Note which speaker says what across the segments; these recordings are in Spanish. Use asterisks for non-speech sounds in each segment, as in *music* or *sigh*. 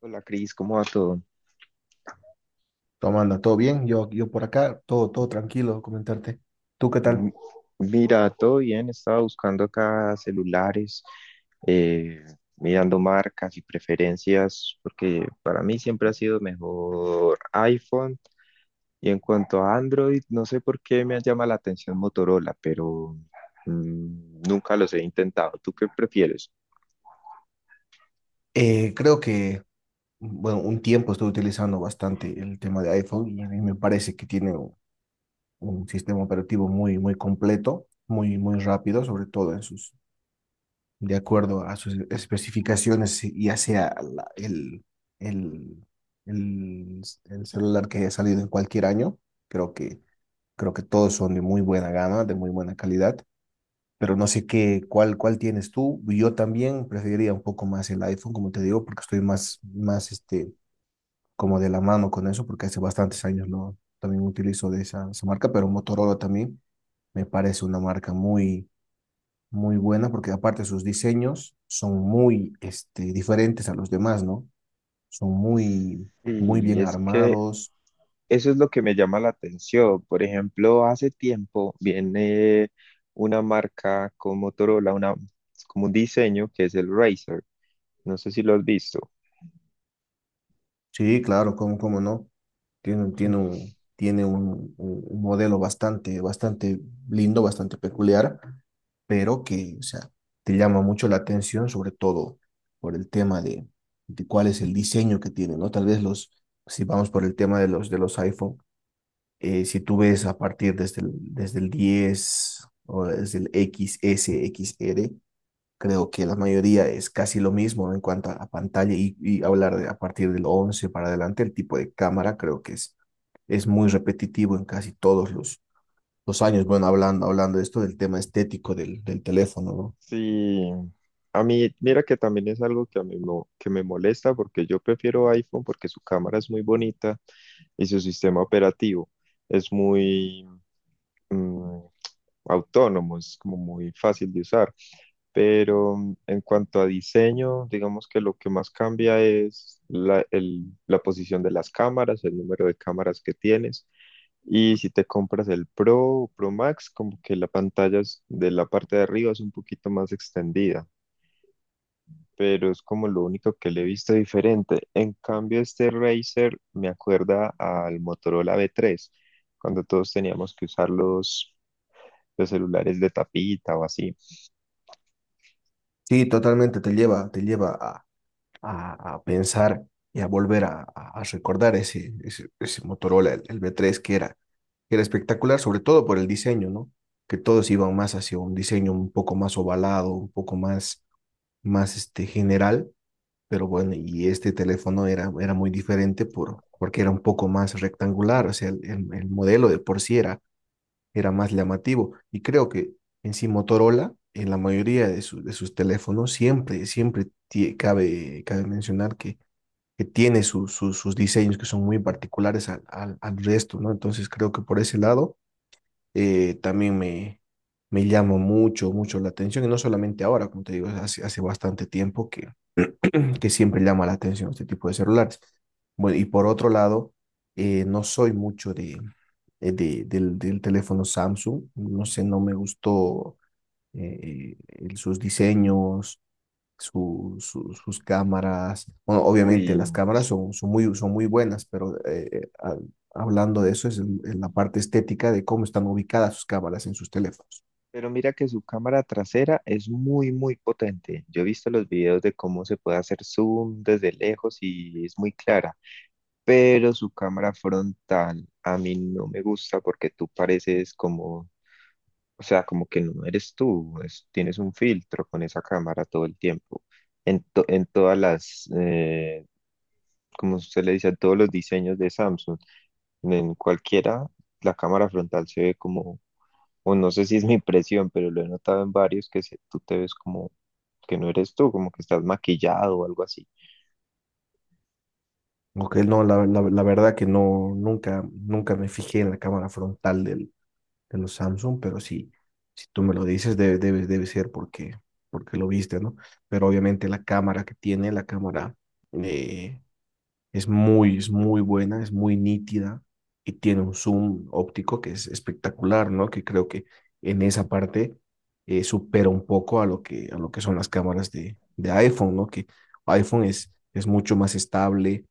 Speaker 1: Hola Cris, ¿cómo va todo?
Speaker 2: ¿Cómo anda? ¿Todo bien? Yo por acá, todo tranquilo, comentarte. ¿Tú qué
Speaker 1: M-
Speaker 2: tal?
Speaker 1: Mira, todo bien, estaba buscando acá celulares, eh, mirando marcas y preferencias, porque para mí siempre ha sido mejor iPhone. Y en cuanto a Android, no sé por qué me llama la atención Motorola, pero nunca los he intentado. ¿Tú qué prefieres?
Speaker 2: Eh, creo que, bueno, un tiempo estoy utilizando bastante el tema de iPhone, y a mí me parece que tiene un sistema operativo muy completo, muy rápido, sobre todo en sus, de acuerdo a sus especificaciones, y hacia el, el celular que haya salido en cualquier año. Creo que, creo que todos son de muy buena gama, de muy buena calidad. Pero no sé qué, cuál tienes tú. Yo también preferiría un poco más el iPhone, como te digo, porque estoy más como de la mano con eso, porque hace bastantes años lo también utilizo de esa marca. Pero Motorola también me parece una marca muy buena, porque aparte sus diseños son muy este, diferentes a los demás, ¿no? Son muy, muy
Speaker 1: Y
Speaker 2: bien
Speaker 1: es que
Speaker 2: armados.
Speaker 1: eso es lo que me llama la atención. Por ejemplo, hace tiempo viene una marca con Motorola, una, como un diseño que es el Razer. No sé si lo has visto.
Speaker 2: Sí, claro, cómo no. Tiene, un- tiene
Speaker 1: *laughs*
Speaker 2: un, tiene un, un- un modelo bastante lindo, bastante peculiar, pero que, o sea, te llama mucho la atención, sobre todo por el tema de cuál es el diseño que tiene, ¿no? Tal vez los, si vamos por el tema de los iPhone, si tú ves a partir desde el 10 o desde el X S X R. Creo que la mayoría es casi lo mismo, ¿no?, en cuanto a la pantalla, y hablar de, a partir del 11 para adelante, el tipo de cámara creo que es muy repetitivo en casi todos los años. Bueno, hablando de esto del tema estético del, del teléfono, ¿no?
Speaker 1: Sí, a mí, mira que también es algo que a mí que me molesta porque yo prefiero iPhone porque su cámara es muy bonita y su sistema operativo es muy mm, autónomo, es como muy fácil de usar. Pero en cuanto a diseño, digamos que lo que más cambia es la posición de las cámaras, el número de cámaras que tienes. Y si te compras el Pro o Pro Max, como que la de la parte de arriba es un poquito más extendida, pero es como lo único que le he visto diferente. En cambio, este Razer me acuerda al Motorola V3, cuando todos teníamos que usar los celulares de tapita o así.
Speaker 2: Sí, totalmente te lleva a pensar y a volver a, a recordar ese Motorola, el V3, que era espectacular, sobre todo por el diseño, ¿no? Que todos iban más hacia un diseño un poco más ovalado, un poco más más este, general. Pero bueno, y este teléfono era muy diferente por, porque era un poco más rectangular, o sea, el modelo de por sí era, era más llamativo. Y creo que en sí Motorola, en la mayoría de, su- de sus teléfonos, siempre cabe mencionar que tiene su- su- sus diseños que son muy particulares al resto, ¿no? Entonces creo que por ese lado también me... Me llama mucho la atención, y no solamente ahora, como te digo, hace bastante tiempo que siempre llama la atención este tipo de celulares. Bueno, y por otro lado, no soy mucho de- del, del teléfono Samsung, no sé, no me gustó el- sus diseños, su- su- sus cámaras. Bueno, obviamente
Speaker 1: Uy.
Speaker 2: las cámaras son, son muy buenas, pero ha- hablando de eso es en la parte estética de cómo están ubicadas sus cámaras en sus teléfonos.
Speaker 1: Pero mira que su cámara trasera es muy, muy potente. Yo he visto los videos de cómo se puede hacer zoom desde lejos y es muy clara. Pero su cámara frontal a mí no me gusta porque tú pareces como, o sea, como que no eres tú. Tienes un filtro con esa cámara todo el tiempo. En, en todas las, como usted le dice, en todos los diseños de Samsung, en cualquiera, la cámara frontal se ve como, o no sé si es mi impresión, pero lo he notado en varios tú te ves como que no eres tú, como que estás maquillado o algo así.
Speaker 2: Ok, no, la verdad que no, nunca me fijé en la cámara frontal del, de los Samsung, pero sí, si tú me lo dices, debe ser porque, porque lo viste, ¿no? Pero obviamente la cámara que tiene, la cámara eh, es es muy buena, es muy nítida, y tiene un zoom óptico que es espectacular, ¿no? Que creo que en esa parte supera un poco a lo que son las cámaras de iPhone, ¿no? Que iPhone es mucho más estable,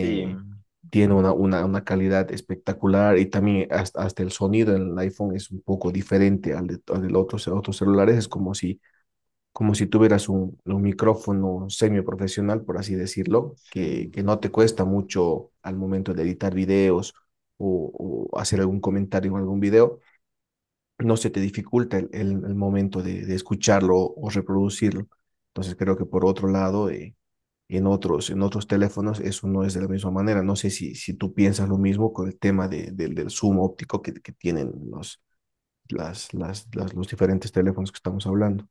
Speaker 1: Sí,
Speaker 2: tiene una calidad espectacular, y también hasta el sonido en el iPhone es un poco diferente al de, al del otro, otros celulares. Es
Speaker 1: ujú,
Speaker 2: como si tuvieras un micrófono semiprofesional, por así decirlo,
Speaker 1: sí.
Speaker 2: que no te cuesta mucho al momento de editar videos, o hacer algún comentario en algún video. No se te dificulta el momento de escucharlo o reproducirlo. Entonces creo que por otro lado... en otros teléfonos eso no es de la misma manera. No sé si, si tú piensas lo mismo con el tema de- del zoom óptico que tienen los, los diferentes teléfonos que estamos hablando.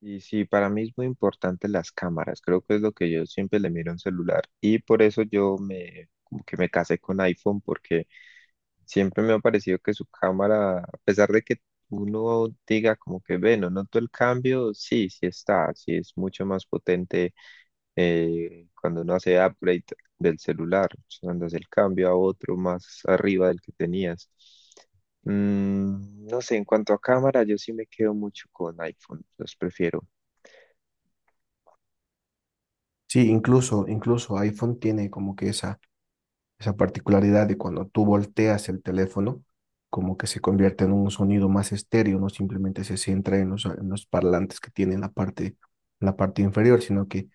Speaker 1: Y sí, para mí es muy importante las cámaras, creo que es lo que yo siempre le miro a un celular y por eso yo me, como que me casé con iPhone porque siempre me ha parecido que su cámara, a pesar de que uno diga como que, bueno, noto el cambio, sí, sí está, sí es mucho más potente, cuando uno hace upgrade del celular, cuando hace el cambio a otro más arriba del que tenías. No sé, en cuanto a cámara, yo sí me quedo mucho con iPhone, los prefiero.
Speaker 2: Sí, incluso iPhone tiene como que esa particularidad de cuando tú volteas el teléfono, como que se convierte en un sonido más estéreo, no simplemente se centra en los parlantes que tiene en la parte inferior, sino que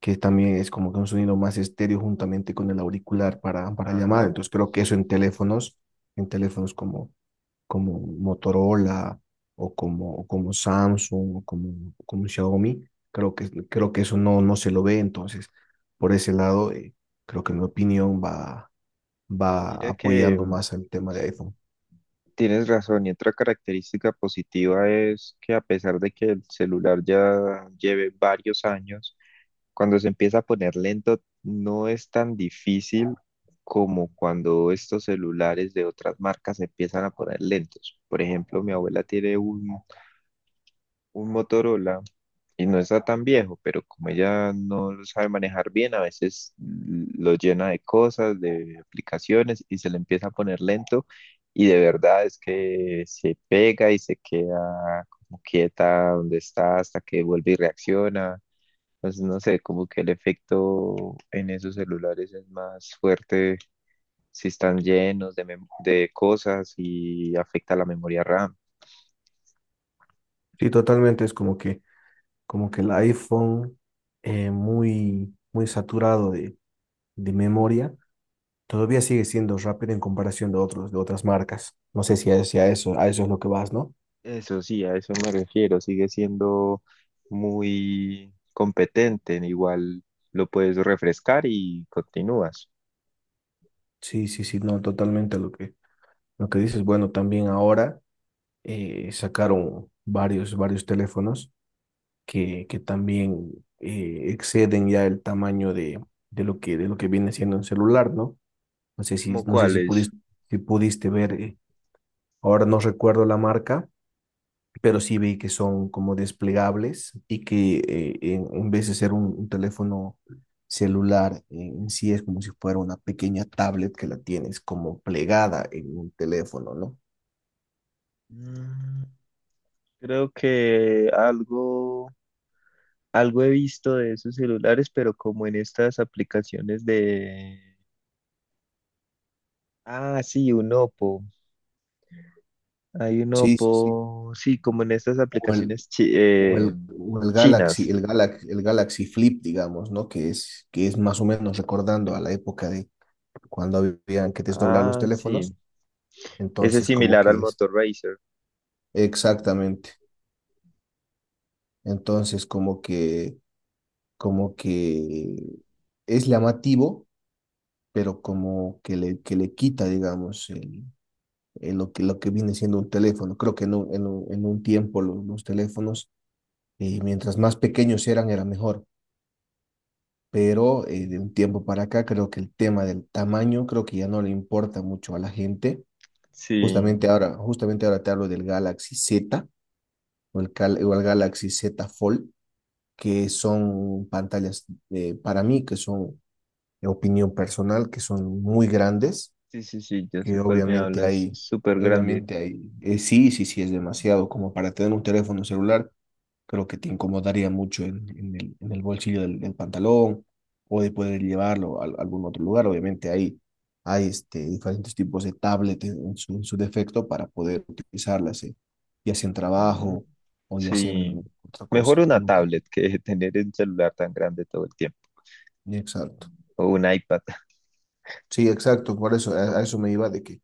Speaker 2: también es como que un sonido más estéreo juntamente con el auricular para llamar.
Speaker 1: Ajá,
Speaker 2: Entonces creo que eso en teléfonos como, como Motorola, o como Samsung, o como, como Xiaomi, creo que eso no, no se lo ve. Entonces, por ese lado, creo que mi opinión va, va
Speaker 1: mira que
Speaker 2: apoyando más al tema de iPhone.
Speaker 1: tienes razón. Y otra característica positiva es que a pesar de que el celular ya lleve varios años, cuando se empieza a poner lento, no es tan difícil como cuando estos celulares de otras marcas se empiezan a poner lentos. Por ejemplo, mi abuela tiene un Motorola y no está tan viejo, pero como ella no lo sabe manejar bien, a veces lo llena de cosas, de aplicaciones y se le empieza a poner lento y de verdad es que se pega y se queda como quieta donde está hasta que vuelve y reacciona. Entonces, no sé, como que el efecto en esos celulares es más fuerte si están llenos de, de cosas y afecta la memoria RAM.
Speaker 2: Sí, totalmente, es como que el iPhone muy saturado de memoria, todavía sigue siendo rápido en comparación de otros, de otras marcas. No sé si a, si a eso, a eso es lo que vas, ¿no?
Speaker 1: Eso sí, a eso me refiero. Sigue siendo muy competente. Igual lo puedes refrescar y continúas.
Speaker 2: Sí, sí, sí, no, totalmente lo que dices. Bueno, también ahora sacaron varios teléfonos que también exceden ya el tamaño de lo que viene siendo un celular, ¿no? No sé si,
Speaker 1: ¿Cómo
Speaker 2: no sé si
Speaker 1: cuáles?
Speaker 2: pudiste, si pudiste ver, ahora no recuerdo la marca, pero sí vi que son como desplegables, y que en vez de ser un teléfono celular, en sí es como si fuera una pequeña tablet que la tienes como plegada en un teléfono, ¿no?
Speaker 1: Mm, Creo que algo, algo he visto de esos celulares, pero como en estas aplicaciones de... Ah, sí, un Oppo. Hay uno
Speaker 2: Sí, sí, sí.
Speaker 1: por, sí, como en estas
Speaker 2: O el,
Speaker 1: aplicaciones
Speaker 2: o el Galaxy,
Speaker 1: chinas.
Speaker 2: el Galaxy Flip, digamos, ¿no? Que es más o menos recordando a la época de cuando habían que desdoblar los
Speaker 1: Ah,
Speaker 2: teléfonos.
Speaker 1: sí. Ese es
Speaker 2: Entonces, como
Speaker 1: similar al
Speaker 2: que es
Speaker 1: Motor Racer.
Speaker 2: exactamente. Entonces, como que como que es llamativo, pero como que le quita, digamos, el lo que viene siendo un teléfono. Creo que en un, en un, en un tiempo lo- los, teléfonos, mientras más pequeños eran, era mejor. Pero de un tiempo para acá, creo que el tema del tamaño, creo que ya no le importa mucho a la gente.
Speaker 1: Sí,
Speaker 2: Justamente ahora te hablo del Galaxy Z, o el Galaxy Z Fold, que son pantallas para mí que son opinión personal, que son muy grandes,
Speaker 1: sí, sí, sí, yo sé
Speaker 2: que
Speaker 1: cuál me hablas. Es súper grande.
Speaker 2: obviamente hay, sí, sí, sí, es demasiado, como para tener un teléfono celular, creo que te incomodaría mucho en el bolsillo del, del pantalón, o de poder llevarlo a algún otro lugar, obviamente hay este, diferentes tipos de tablet en su defecto para poder utilizarlas, ya sea en
Speaker 1: Ujú.
Speaker 2: trabajo, o ya sea
Speaker 1: Sí.
Speaker 2: en otra
Speaker 1: Mejor
Speaker 2: cosa,
Speaker 1: una
Speaker 2: en otra área.
Speaker 1: tablet que *laughs* tener un celular tan grande todo el tiempo.
Speaker 2: Exacto.
Speaker 1: O un iPad.
Speaker 2: Sí, exacto, por eso, a eso me iba de que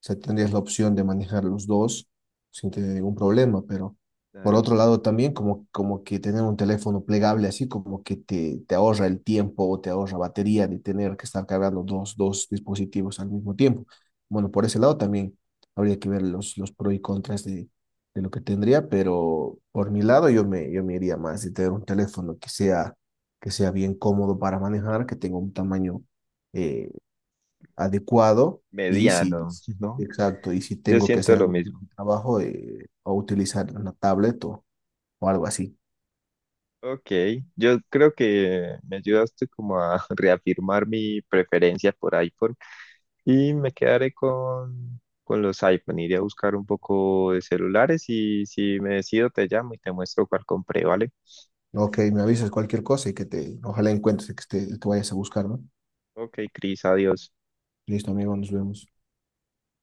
Speaker 2: se sea, tendrías la opción de manejar los dos sin tener ningún problema, pero por
Speaker 1: Claro.
Speaker 2: otro lado también como, como que tener un teléfono plegable así como que te ahorra el tiempo, o te ahorra batería de tener que estar cargando dos, dos dispositivos al mismo tiempo. Bueno, por ese lado también habría que ver los pros y contras de lo que tendría, pero por mi lado yo me iría más de tener un teléfono que sea bien cómodo para manejar, que tenga un tamaño eh, adecuado, y si,
Speaker 1: Mediano, ¿no?
Speaker 2: exacto, y si
Speaker 1: Yo
Speaker 2: tengo que
Speaker 1: siento
Speaker 2: hacer
Speaker 1: lo
Speaker 2: algún tipo
Speaker 1: mismo.
Speaker 2: de trabajo, o utilizar una tablet, o algo así.
Speaker 1: Ok, yo creo que me ayudaste como a *laughs* reafirmar mi preferencia por iPhone. Y me quedaré con los iPhone. Iré a buscar un poco de celulares y si me decido te llamo y te muestro cuál compré, ¿vale?
Speaker 2: Ok, me avisas cualquier cosa, y que te, ojalá encuentres que te, que vayas a buscar, ¿no?
Speaker 1: Ok, Cris, adiós.
Speaker 2: Listo, amigo, nos vemos.